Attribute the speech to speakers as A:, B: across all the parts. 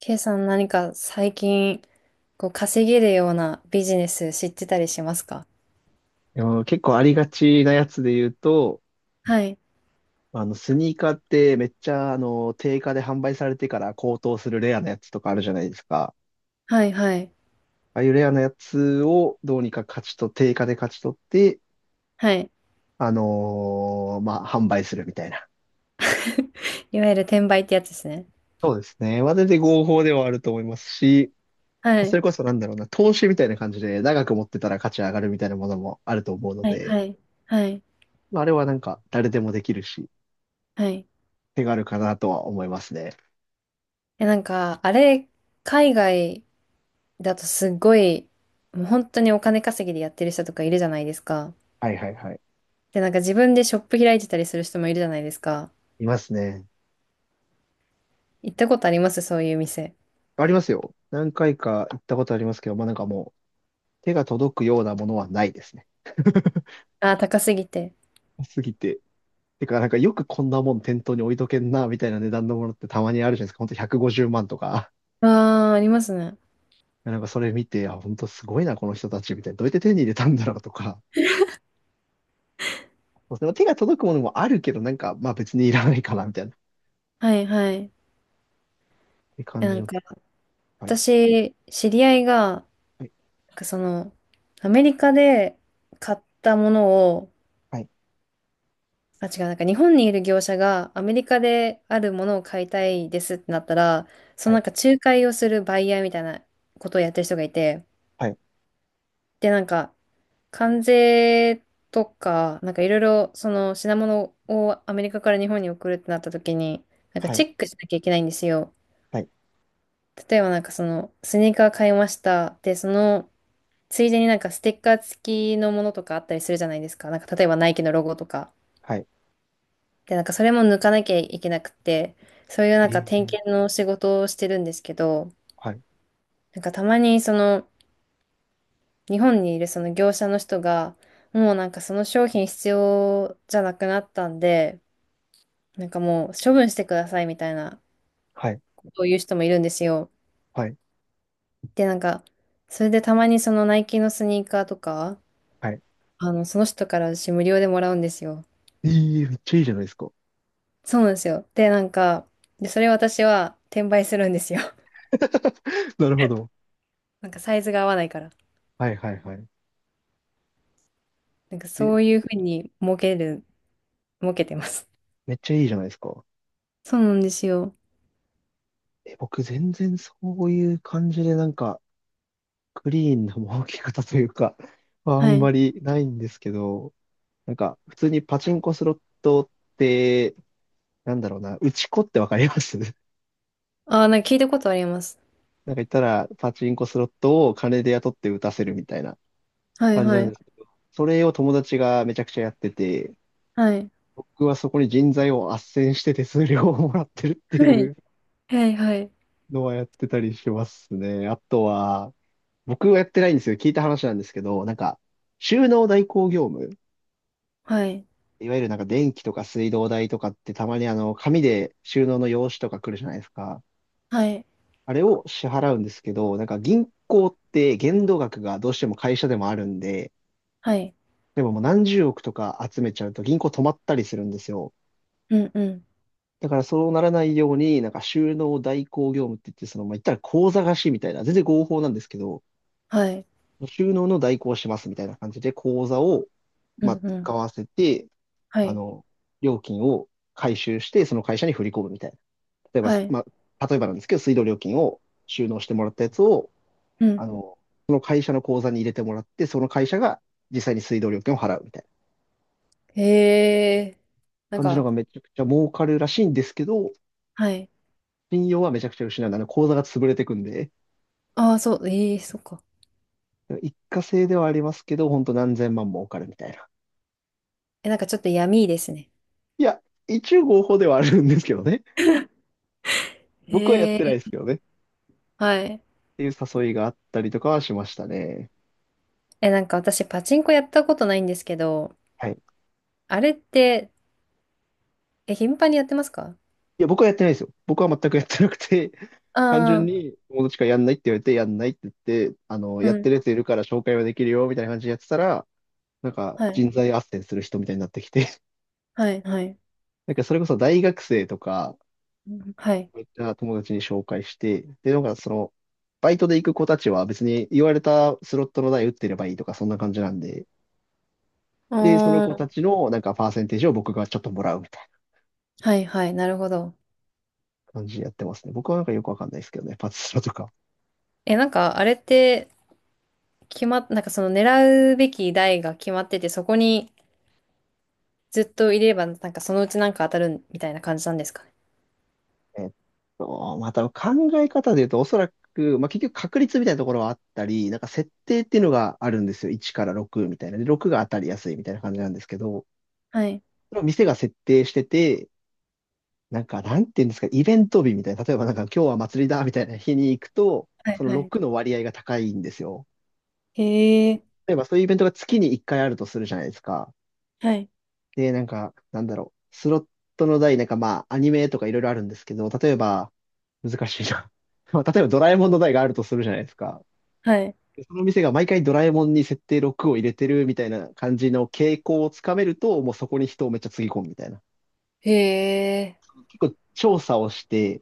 A: ケイさん最近、こう稼げるようなビジネス知ってたりしますか？
B: でも結構ありがちなやつで言うと、
A: はい。
B: スニーカーってめっちゃ、定価で販売されてから高騰するレアなやつとかあるじゃないですか。
A: はい、はい、
B: ああいうレアなやつをどうにか価値と、定価で勝ち取って、
A: はい。
B: まあ、販売するみたいな。
A: いわゆる転売ってやつですね。
B: そうですね。まあ、全然合法ではあると思いますし、
A: は
B: そ
A: い。
B: れこそなんだろうな、投資みたいな感じで長く持ってたら価値上がるみたいなものもあると思うの
A: はい、
B: で、
A: はい、はい、
B: まあ、あれはなんか誰でもできるし、
A: はい。
B: 手軽かなとは思いますね。
A: え、あれ、海外だとすごい、もう本当にお金稼ぎでやってる人とかいるじゃないですか。
B: はいはいはい。
A: で、自分でショップ開いてたりする人もいるじゃないですか。
B: いますね。
A: 行ったことありますそういう店。
B: ありますよ。何回か行ったことありますけど、まあなんかもう手が届くようなものはないですね。
A: あー、高すぎて。
B: すぎて。てか、なんかよくこんなもん店頭に置いとけんな、みたいな値段のものってたまにあるじゃないですか。ほんと150万とか。
A: ああ、ありますね。
B: なんかそれ見て、あ、ほんとすごいな、この人たち、みたいな。どうやって手に入れたんだろうとか。そうですね、手が届くものもあるけど、なんか、まあ別にいらないかな、みたいな。っ
A: はい、はい。
B: て
A: え、
B: 感じの。はい。
A: 私、知り合いが、
B: はい。
A: なんかその、アメリカで買ったものを、
B: はい。
A: あ、違う、日本にいる業者がアメリカであるものを買いたいですってなったら、その仲介をするバイヤーみたいなことをやってる人がいて、
B: はい。
A: で、なんか、関税とか、なんかいろいろ、その品物をアメリカから日本に送るってなった時に、なんか
B: は
A: チ
B: い。
A: ェックしなきゃいけないんですよ。
B: はい。はい。
A: 例えばスニーカー買いました。で、その、ついでになんかステッカー付きのものとかあったりするじゃないですか。なんか例えばナイキのロゴとか。
B: はい。
A: で、なんかそれも抜かなきゃいけなくて、そういうなんか
B: え
A: 点
B: ー、
A: 検の仕事をしてるんですけど、
B: はい。
A: なんかたまにその日本にいるその業者の人が、もうその商品必要じゃなくなったんで、なんかもう処分してくださいみたいな
B: はい。
A: ことを言う人もいるんですよ。
B: はい。
A: で、なんか、それでたまにそのナイキのスニーカーとか、
B: はい。
A: あの、その人から私無料でもらうんですよ。
B: えー、めっちゃいいじゃないですか。
A: そうなんですよ。で、なんか、で、それ私は転売するんですよ。
B: なるほど。
A: なんかサイズが合わないから。
B: はいはいはい。
A: なんか
B: え、
A: そういうふうに儲けてます。
B: めっちゃいいじゃないですか。
A: そうなんですよ。
B: え、僕全然そういう感じでなんかクリーンな儲け方というか はあ
A: は
B: ん
A: い。
B: まりないんですけど、なんか普通にパチンコスロットって、なんだろうな、打ち子ってわかります？ な
A: ああ、なんか聞いたことあります。
B: んか言ったらパチンコスロットを金で雇って打たせるみたいな
A: はい
B: 感じ
A: は
B: なん
A: い。
B: ですけど、それを友達がめちゃくちゃやってて、
A: はい。
B: 僕はそこに人材を斡旋して手数料をもらってるって
A: は
B: い
A: い。
B: う
A: はいはい。
B: のはやってたりしますね。あとは、僕はやってないんですよ。聞いた話なんですけど、なんか、収納代行業務、
A: はい。
B: いわゆるなんか電気とか水道代とかってたまに紙で収納の用紙とか来るじゃないですか。
A: はい。
B: あれを支払うんですけど、なんか銀行って限度額がどうしても会社でもあるんで、
A: はい。
B: 例えばもう何十億とか集めちゃうと銀行止まったりするんですよ。
A: うんうん。
B: だからそうならないように、なんか収納代行業務って言って、その、まあ、言ったら口座貸しみたいな、全然合法なんですけど、
A: はい。
B: 収納の代行をしますみたいな感じで口座を、
A: う
B: ま
A: ん
B: あ、
A: うん。
B: 使わせて、
A: は
B: あ
A: い。
B: の、料金を回収して、その会社に振り込むみたいな。例えば、
A: はい。
B: まあ、例えばなんですけど、水道料金を収納してもらったやつを、
A: うん。
B: あの、その会社の口座に入れてもらって、その会社が実際に水道料金を払うみたいな
A: へえ。なん
B: 感じの
A: か、
B: がめちゃくちゃ儲かるらしいんですけど、
A: はい。
B: 信用はめちゃくちゃ失う。口座が潰れてくんで、
A: ああ、そう。ええ、そっか。
B: 一過性ではありますけど、本当何千万儲かるみたいな。
A: え、なんかちょっと闇ですね。
B: いや、一応合法ではあるんですけどね。僕はやっ
A: へえ。
B: てないですけどね。っ
A: はい。
B: ていう誘いがあったりとかはしましたね。
A: え、なんか私パチンコやったことないんですけど、
B: はい。
A: あれって、え、頻繁にやってますか？
B: いや、僕はやってないですよ。僕は全くやってなくて、単純
A: ああ
B: に友達からやんないって言われて、やんないって言って、
A: ー、
B: や
A: う
B: って
A: ん。
B: るやついるから紹介はできるよ、みたいな感じでやってたら、なんか
A: はい。
B: 人材斡旋する人みたいになってきて、
A: はい、はい。
B: なんかそれこそ大学生とか、
A: うんはい。
B: そういった友達に紹介して、で、なんかその、バイトで行く子たちは別に言われたスロットの台打ってればいいとか、そんな感じなんで、で、その
A: あ
B: 子
A: ー
B: たちのなんかパーセンテージを僕がちょっともらうみたい
A: はい、はい。なるほど。
B: な感じでやってますね。僕はなんかよくわかんないですけどね、パチスロとか。
A: え、なんかあれって、決まっ、なんかその狙うべき台が決まってて、そこにずっといれば、なんかそのうちなんか当たるみたいな感じなんですかね？
B: えっまた考え方で言うと、おそらく、まあ、結局確率みたいなところはあったり、なんか設定っていうのがあるんですよ。1から6みたいな。で、6が当たりやすいみたいな感じなんですけど、
A: はい。
B: それを店が設定してて、なんか、なんていうんですか、イベント日みたいな。例えばなんか、今日は祭りだみたいな日に行くと、
A: はい、
B: その
A: はい。
B: 6の割合が高いんですよ。
A: へえ。
B: 例えばそういうイベントが月に1回あるとするじゃないですか。
A: はい。
B: で、なんか、なんだろう。スロットの台、なんかまあ、アニメとかいろいろあるんですけど、例えば、難しいな。まあ、例えばドラえもんの台があるとするじゃないですか。
A: はい。
B: でその店が毎回ドラえもんに設定6を入れてるみたいな感じの傾向をつかめると、もうそこに人をめっちゃつぎ込むみたいな。
A: へえ。
B: 結構調査をして、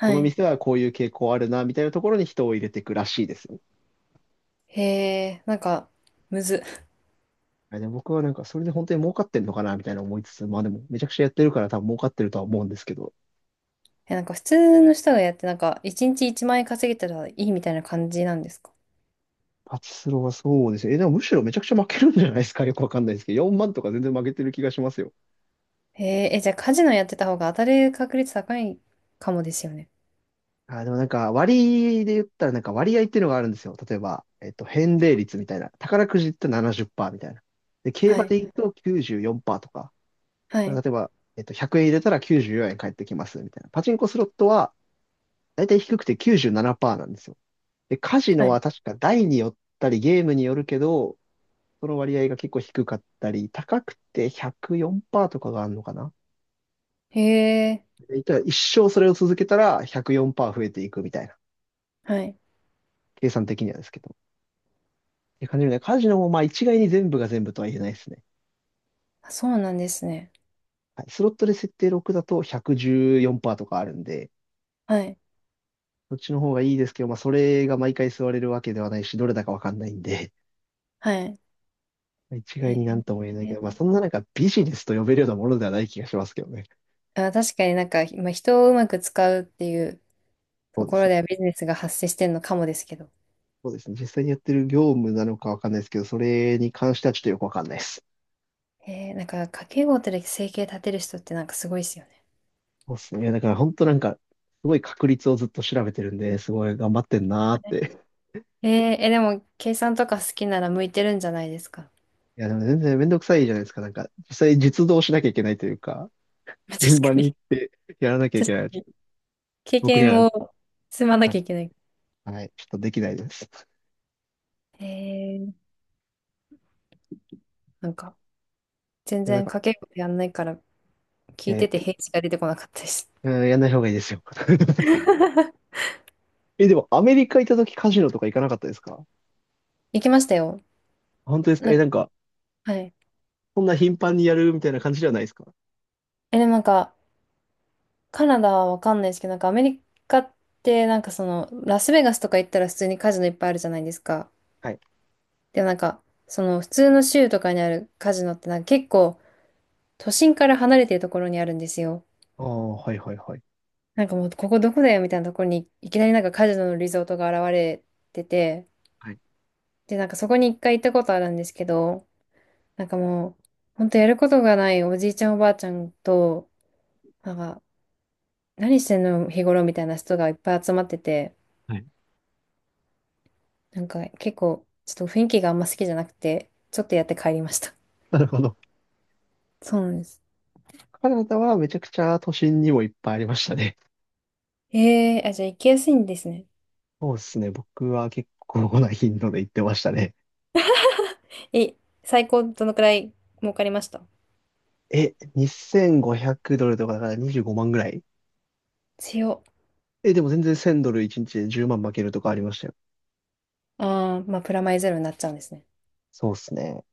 B: この
A: い。
B: 店はこういう傾向あるな、みたいなところに人を入れていくらしいですよ。
A: へえ。なんか、むず。
B: あでも僕はなんかそれで本当に儲かってんのかな、みたいな思いつつ、まあでもめちゃくちゃやってるから多分儲かってるとは思うんですけど。
A: え、なんか普通の人がやって、なんか1日1万円稼げたらいいみたいな感じなんですか？
B: パチスロはそうですね。え、でもむしろめちゃくちゃ負けるんじゃないですか。よくわかんないですけど、4万とか全然負けてる気がしますよ。
A: へえ、え、じゃあカジノやってた方が当たる確率高いかもですよね。
B: あー、でもなんか割で言ったらなんか割合っていうのがあるんですよ。例えば、返礼率みたいな。宝くじって70%みたいな。で、競
A: は
B: 馬
A: い。
B: で言うと94%と
A: は
B: か。例
A: い。
B: えば、100円入れたら94円返ってきますみたいな。パチンコスロットは大体低くて97%ななパーセントなんですよ。で、カジノ
A: は
B: は
A: い。
B: 確か台によったりゲームによるけど、その割合が結構低かったり、高くて104%とかがあるのかな。
A: へえ、
B: いたら一生それを続けたら104%増えていくみたいな、
A: はい。
B: 計算的にはですけど。っていう感じでね、カジノもまあ一概に全部が全部とは言えないですね。
A: あ、そうなんですね。
B: はい、スロットで設定6だと114%とかあるんで、
A: はい。
B: そっちの方がいいですけど、まあそれが毎回座れるわけではないし、どれだかわかんないんで、
A: はい。
B: 一
A: へ
B: 概になんとも言えないけ
A: え。
B: ど、まあそんな中ビジネスと呼べるようなものではない気がしますけどね。
A: あ、確かになんか、まあ、人をうまく使うっていう
B: そ
A: と
B: うで
A: こ
B: す
A: ろ
B: ね。
A: ではビジネスが発生してるのかもですけど。
B: そうですね。実際にやってる業務なのかわかんないですけど、それに関してはちょっとよくわかんないです。
A: へえ、なんか家計簿で生計立てる人ってなんかすごいですよね。
B: そうっすね。いやだから本当なんか、すごい確率をずっと調べてるんで、すごい頑張ってんなーって。
A: へえ、え、でも計算とか好きなら向いてるんじゃないですか？
B: いや、でも全然めんどくさいじゃないですか。なんか、実際実動しなきゃいけないというか、
A: まあ
B: 現
A: 確か
B: 場
A: に
B: に やらなきゃい
A: 確
B: け
A: か
B: ない。
A: に経
B: 僕には、
A: 験を積まな
B: は
A: きゃ
B: い、
A: いけない。
B: はい、ちょっとできないです。
A: へえ、なんか、全
B: いやなん
A: 然
B: か、
A: 掛け声やんないから、
B: い
A: 聞い
B: や、
A: てて
B: い
A: 平地が出てこなかったです。
B: や、やんない方がいいですよ。え、でもアメリカ行った時カジノとか行かなかったですか？
A: 行きましたよ。
B: 本当ですか？
A: なん
B: え、な
A: か、
B: んか、
A: はい。
B: そんな頻繁にやるみたいな感じではないですか？
A: え、でもなんか、カナダはわかんないですけど、なんかアメリカって、なんかその、ラスベガスとか行ったら普通にカジノいっぱいあるじゃないですか。
B: はい。
A: でもなんか、その、普通の州とかにあるカジノって、なんか結構、都心から離れてるところにあるんですよ。
B: ああ、はいはいはい。
A: なんかもう、ここどこだよみたいなところに、いきなりなんかカジノのリゾートが現れてて、
B: はい。
A: で、なんかそこに一回行ったことあるんですけど、なんかもう、ほんとやることがないおじいちゃんおばあちゃんと、なんか、何してんの日頃みたいな人がいっぱい集まってて、
B: はい。
A: なんか結構、ちょっと雰囲気があんま好きじゃなくて、ちょっとやって帰りました。
B: なるほど。
A: そうなんです。
B: カナダはめちゃくちゃ都心にもいっぱいありましたね。
A: ええーあ、じゃあ行きやすいんですね。
B: そうですね。僕は結構な頻度で行ってましたね。
A: え、最高どのくらい儲かりました
B: え、2500ドルとかだから25万ぐらい。
A: 強。
B: え、でも全然1000ドル1日で10万負けるとかありましたよ。
A: ああ、まあ、プラマイゼロになっちゃうんですね。
B: そうですね。